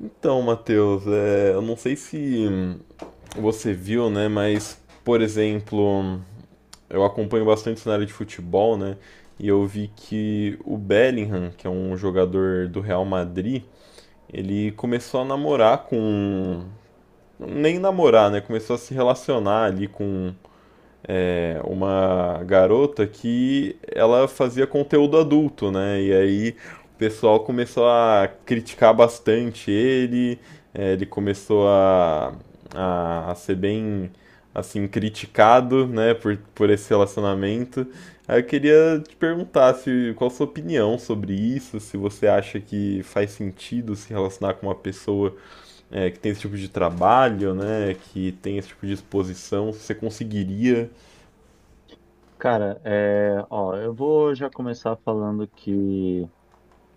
Então, Matheus, eu não sei se você viu, né, mas, por exemplo, eu acompanho bastante o cenário de futebol, né, e eu vi que o Bellingham, que é um jogador do Real Madrid, ele começou a namorar. Nem namorar, né, começou a se relacionar ali com uma garota que ela fazia conteúdo adulto, né? E aí o pessoal começou a criticar bastante ele, ele começou a ser bem assim criticado, né, por esse relacionamento. Aí eu queria te perguntar se qual a sua opinião sobre isso, se você acha que faz sentido se relacionar com uma pessoa que tem esse tipo de trabalho, né, que tem esse tipo de exposição, se você conseguiria. Cara, é, ó, eu vou já começar falando que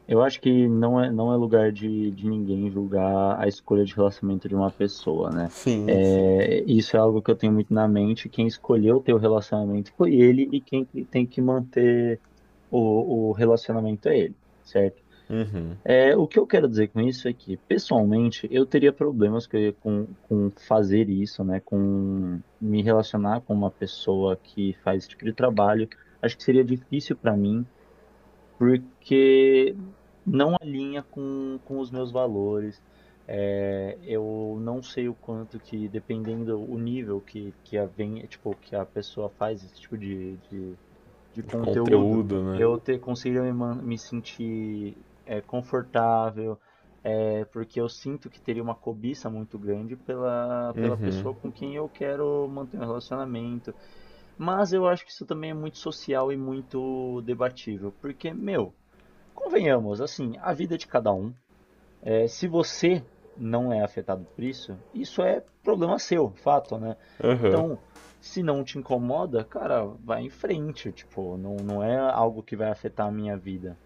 eu acho que não é lugar de ninguém julgar a escolha de relacionamento de uma pessoa, né? Sim, sim. É, isso é algo que eu tenho muito na mente. Quem escolheu ter o relacionamento foi ele e quem que tem que manter o relacionamento é ele, certo? Uhum. É, o que eu quero dizer com isso é que, pessoalmente, eu teria com fazer isso, né? Com me relacionar com uma pessoa que faz esse tipo de trabalho. Acho que seria difícil para mim, porque não alinha com os meus valores. É, eu não sei o quanto que, dependendo o nível que a, vem, tipo, que a pessoa faz esse tipo de de De conteúdo, conteúdo, né? eu ter conseguido me sentir confortável, é, porque eu sinto que teria uma cobiça muito grande pela, pela Uhum. pessoa com quem eu quero manter um relacionamento. Mas eu acho que isso também é muito social e muito debatível, porque, meu, convenhamos, assim, a vida é de cada um. É, se você não é afetado por isso, isso é problema seu, fato, né? Aham. Então, se não te incomoda, cara, vai em frente, tipo, não, não é algo que vai afetar a minha vida.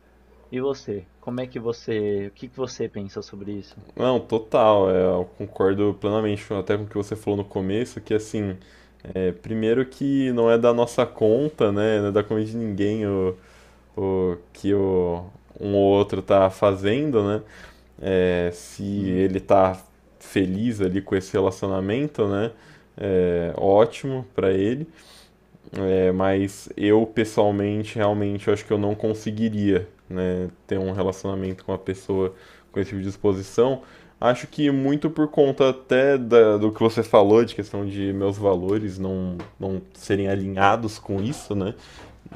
E você? Como é que você, o que que você pensa sobre isso? Não, total. Eu concordo plenamente até com o que você falou no começo, que assim, primeiro que não é da nossa conta, né? Não é da conta de ninguém o que um ou outro tá fazendo, né? É, se Hum, ele tá feliz ali com esse relacionamento, né? É, ótimo pra ele. É, mas eu pessoalmente, realmente, eu acho que eu não conseguiria, né, ter um relacionamento com uma pessoa com esse tipo de disposição. Acho que muito por conta até do que você falou, de questão de meus valores não serem alinhados com isso, né?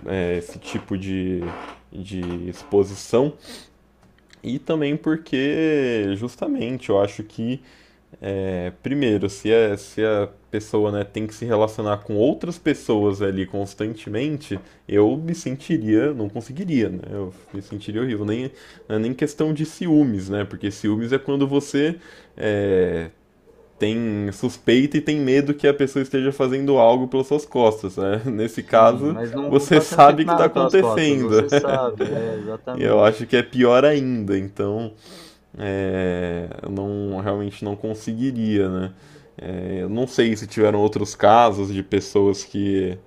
É, esse tipo de exposição. E também porque, justamente, eu acho que primeiro, se a pessoa, né, tem que se relacionar com outras pessoas ali constantemente, eu me sentiria, não conseguiria, né? Eu me sentiria horrível. Nem, Não é nem questão de ciúmes, né? Porque ciúmes é quando você é, tem suspeita e tem medo que a pessoa esteja fazendo algo pelas suas costas, né? Nesse sim, caso, mas não, não você tá sendo feito sabe que está nada pelas costas, acontecendo. você sabe, é, Eu exatamente. acho que é pior ainda, então eu não realmente não conseguiria, né? É, eu não sei se tiveram outros casos de pessoas que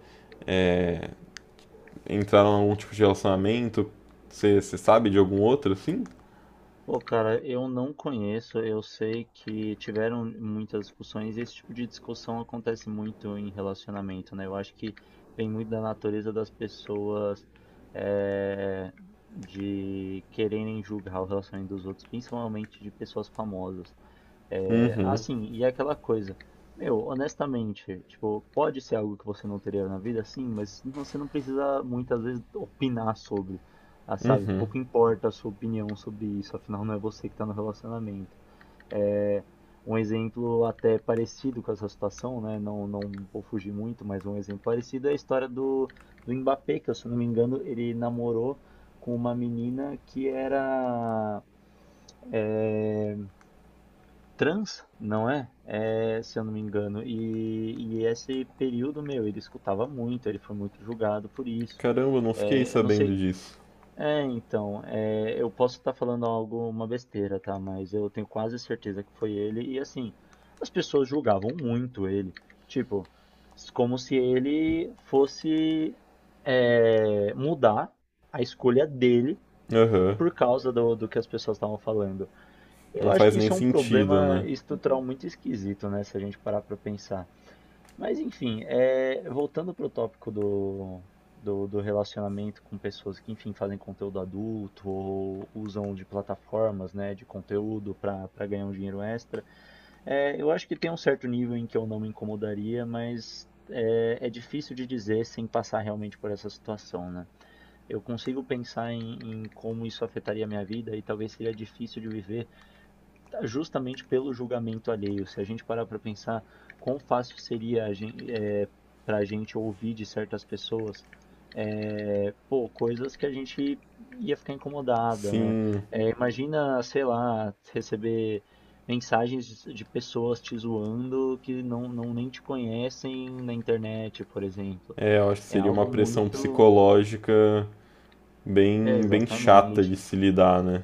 entraram em algum tipo de relacionamento. Você sabe de algum outro assim? Pô, cara, eu não conheço, eu sei que tiveram muitas discussões e esse tipo de discussão acontece muito em relacionamento, né? Eu acho que vem muito da natureza das pessoas eh, de quererem julgar o relacionamento dos outros, principalmente de pessoas famosas. É, ah, Uhum. sim, e é aquela coisa. Meu, honestamente, tipo, pode ser algo que você não teria na vida, sim, você não precisa muitas vezes opinar sobre, ah, sabe? Pouco importa a sua opinião sobre isso, afinal não é você que está no relacionamento. É um exemplo até parecido com essa situação, né? Não, não vou fugir muito, mas um exemplo parecido é a história do, do Mbappé, que, se eu não me engano, ele namorou com uma menina que era é, trans, não é? Se eu não me engano. E esse período, meu, ele escutava muito, ele foi muito julgado por isso. Caramba, eu não fiquei Eu não sabendo sei disso. é, então, eu posso estar falando algo uma besteira, tá? Mas eu tenho quase certeza que foi ele. E assim, as pessoas julgavam muito ele. Tipo, como se ele fosse mudar a escolha dele Aham. por causa do que as pessoas estavam falando. Eu Não acho faz que nem isso é um sentido, problema né? estrutural muito esquisito, né? Se a gente parar para pensar. Mas, enfim, é, voltando para o tópico do, do relacionamento com pessoas que, enfim, fazem conteúdo adulto ou usam de plataformas, né, de conteúdo para ganhar um dinheiro extra, é, eu acho que tem um certo nível em que eu não me incomodaria, mas é, é difícil de dizer sem passar realmente por essa situação, né? Eu consigo pensar em, em como isso afetaria a minha vida e talvez seria difícil de viver justamente pelo julgamento alheio. Se a gente parar para pensar quão fácil seria é, para a gente ouvir de certas pessoas é, pô, coisas que a gente ia ficar incomodada, né? Sim, É, imagina, sei lá, receber mensagens de pessoas te zoando que não, não nem te conhecem na internet, por exemplo. Eu acho que É seria uma algo pressão muito. psicológica É, bem, bem chata de exatamente. se lidar, né?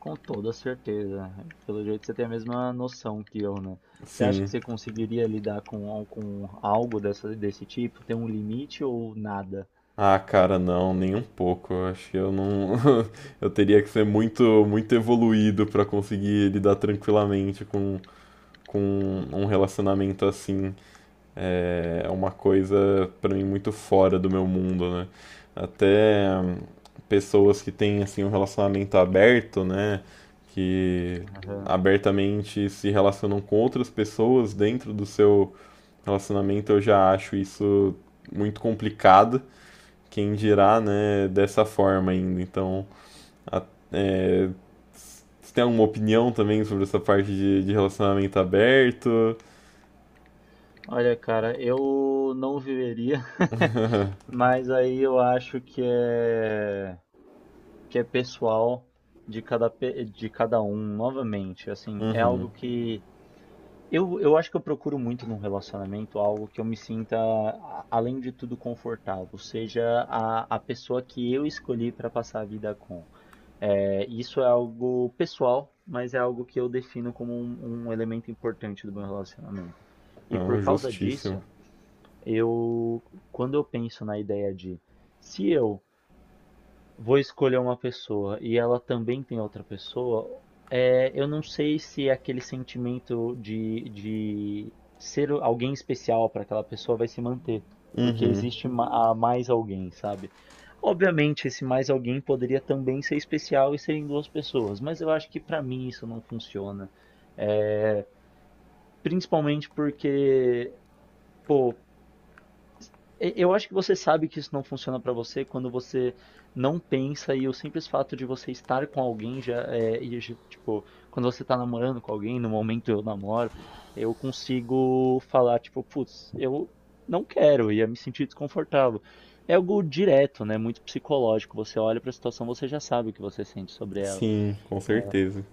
Com toda certeza. Pelo jeito você tem a mesma noção que eu, né? Você acha Sim. que você conseguiria lidar com, com algo dessa, desse tipo? Tem um limite ou nada? Ah, cara, não, nem um pouco. Eu acho que eu não. Eu teria que ser muito, muito evoluído pra conseguir lidar tranquilamente com um relacionamento assim. É uma coisa para mim muito fora do meu mundo, né? Até pessoas que têm assim um relacionamento aberto, né, que Aham. abertamente se relacionam com outras pessoas dentro do seu relacionamento, eu já acho isso muito complicado. Quem dirá, né, dessa forma ainda. Então, a, é, você tem alguma opinião também sobre essa parte de relacionamento aberto? Olha, cara, eu não viveria, mas aí eu acho que é pessoal de cada, de cada um, novamente. Assim, é algo que eu acho que eu procuro muito num relacionamento algo que eu me sinta, além de tudo, confortável, seja a pessoa que eu escolhi para passar a vida com. É, isso é algo pessoal, mas é algo que eu defino como um elemento importante do meu relacionamento. E por Não, causa justíssimo. disso, eu, quando eu penso na ideia de se eu vou escolher uma pessoa e ela também tem outra pessoa, eu não sei se é aquele sentimento de ser alguém especial para aquela pessoa vai se manter, porque existe a mais alguém, sabe? Obviamente, esse mais alguém poderia também ser especial e serem duas pessoas, mas eu acho que para mim isso não funciona. Eh, Principalmente porque, pô, eu acho que você sabe que isso não funciona pra você quando você não pensa e o simples fato de você estar com alguém já é, tipo, quando você tá namorando com alguém, no momento eu namoro, eu consigo falar tipo, putz, eu não quero, ia me sentir desconfortável. É algo direto, né? Muito psicológico. Você olha pra situação, você já sabe o que você sente sobre ela. Sim, com certeza.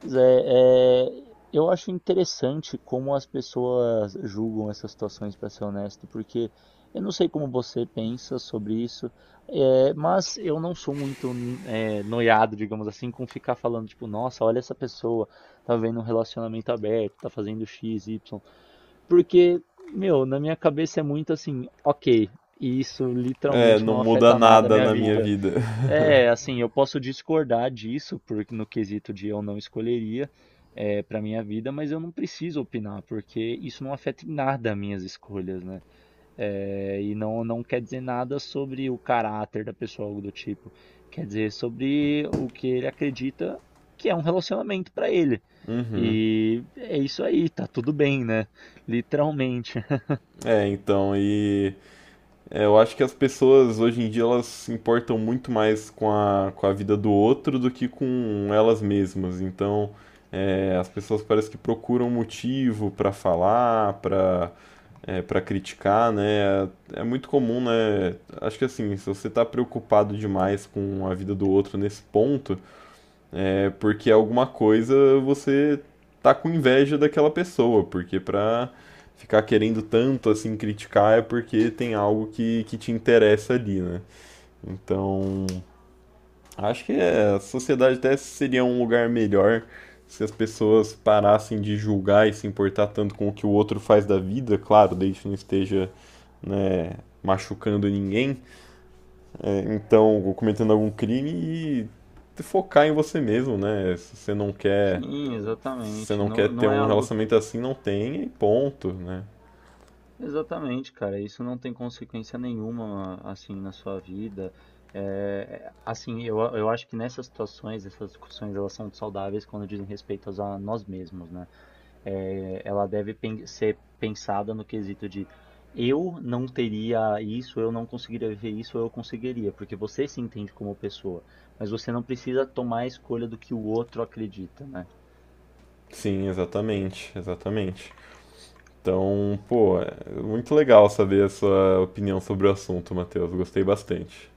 Pois é, é, eu acho interessante como as pessoas julgam essas situações, para ser honesto, porque eu não sei como você pensa sobre isso, é, mas eu não sou muito é, noiado, digamos assim, com ficar falando, tipo, nossa, olha essa pessoa, tá vendo um relacionamento aberto, tá fazendo X, Y, porque, meu, na minha cabeça é muito assim, ok, e isso É, literalmente não não muda afeta nada a nada minha na minha vida. vida. É, assim, eu posso discordar disso, porque no quesito de eu não escolheria é, para minha vida, mas eu não preciso opinar, porque isso não afeta em nada minhas escolhas, né? É, e não, não quer dizer nada sobre o caráter da pessoa, algo do tipo. Quer dizer sobre o que ele acredita que é um relacionamento para ele. Uhum. E é isso aí, tá tudo bem, né? Literalmente. É, então, e eu acho que as pessoas hoje em dia elas se importam muito mais com a vida do outro do que com elas mesmas. Então, as pessoas parece que procuram motivo pra falar, pra para criticar, né? É muito comum, né? Acho que assim, se você tá preocupado demais com a vida do outro nesse ponto, é porque alguma coisa você tá com inveja daquela pessoa, porque pra ficar querendo tanto assim criticar é porque tem algo que te interessa ali, né? Então, acho que a sociedade até seria um lugar melhor se as pessoas parassem de julgar e se importar tanto com o que o outro faz da vida, claro, desde que não esteja, né, machucando ninguém, então, ou cometendo algum crime e focar em você mesmo, né? Sim, Se você exatamente. não quer Não, ter não é um algo. relacionamento assim, não tenha e ponto, né? Exatamente, cara. Isso não tem consequência nenhuma, assim, na sua vida. É, assim, eu acho que nessas situações, essas discussões, elas são saudáveis quando dizem respeito a nós mesmos, né? É, ela deve ser pensada no quesito de eu não teria isso, eu não conseguiria viver isso, eu conseguiria, porque você se entende como pessoa, mas você não precisa tomar a escolha do que o outro acredita, né? Sim, exatamente, exatamente. Então, pô, é muito legal saber a sua opinião sobre o assunto, Matheus. Gostei bastante.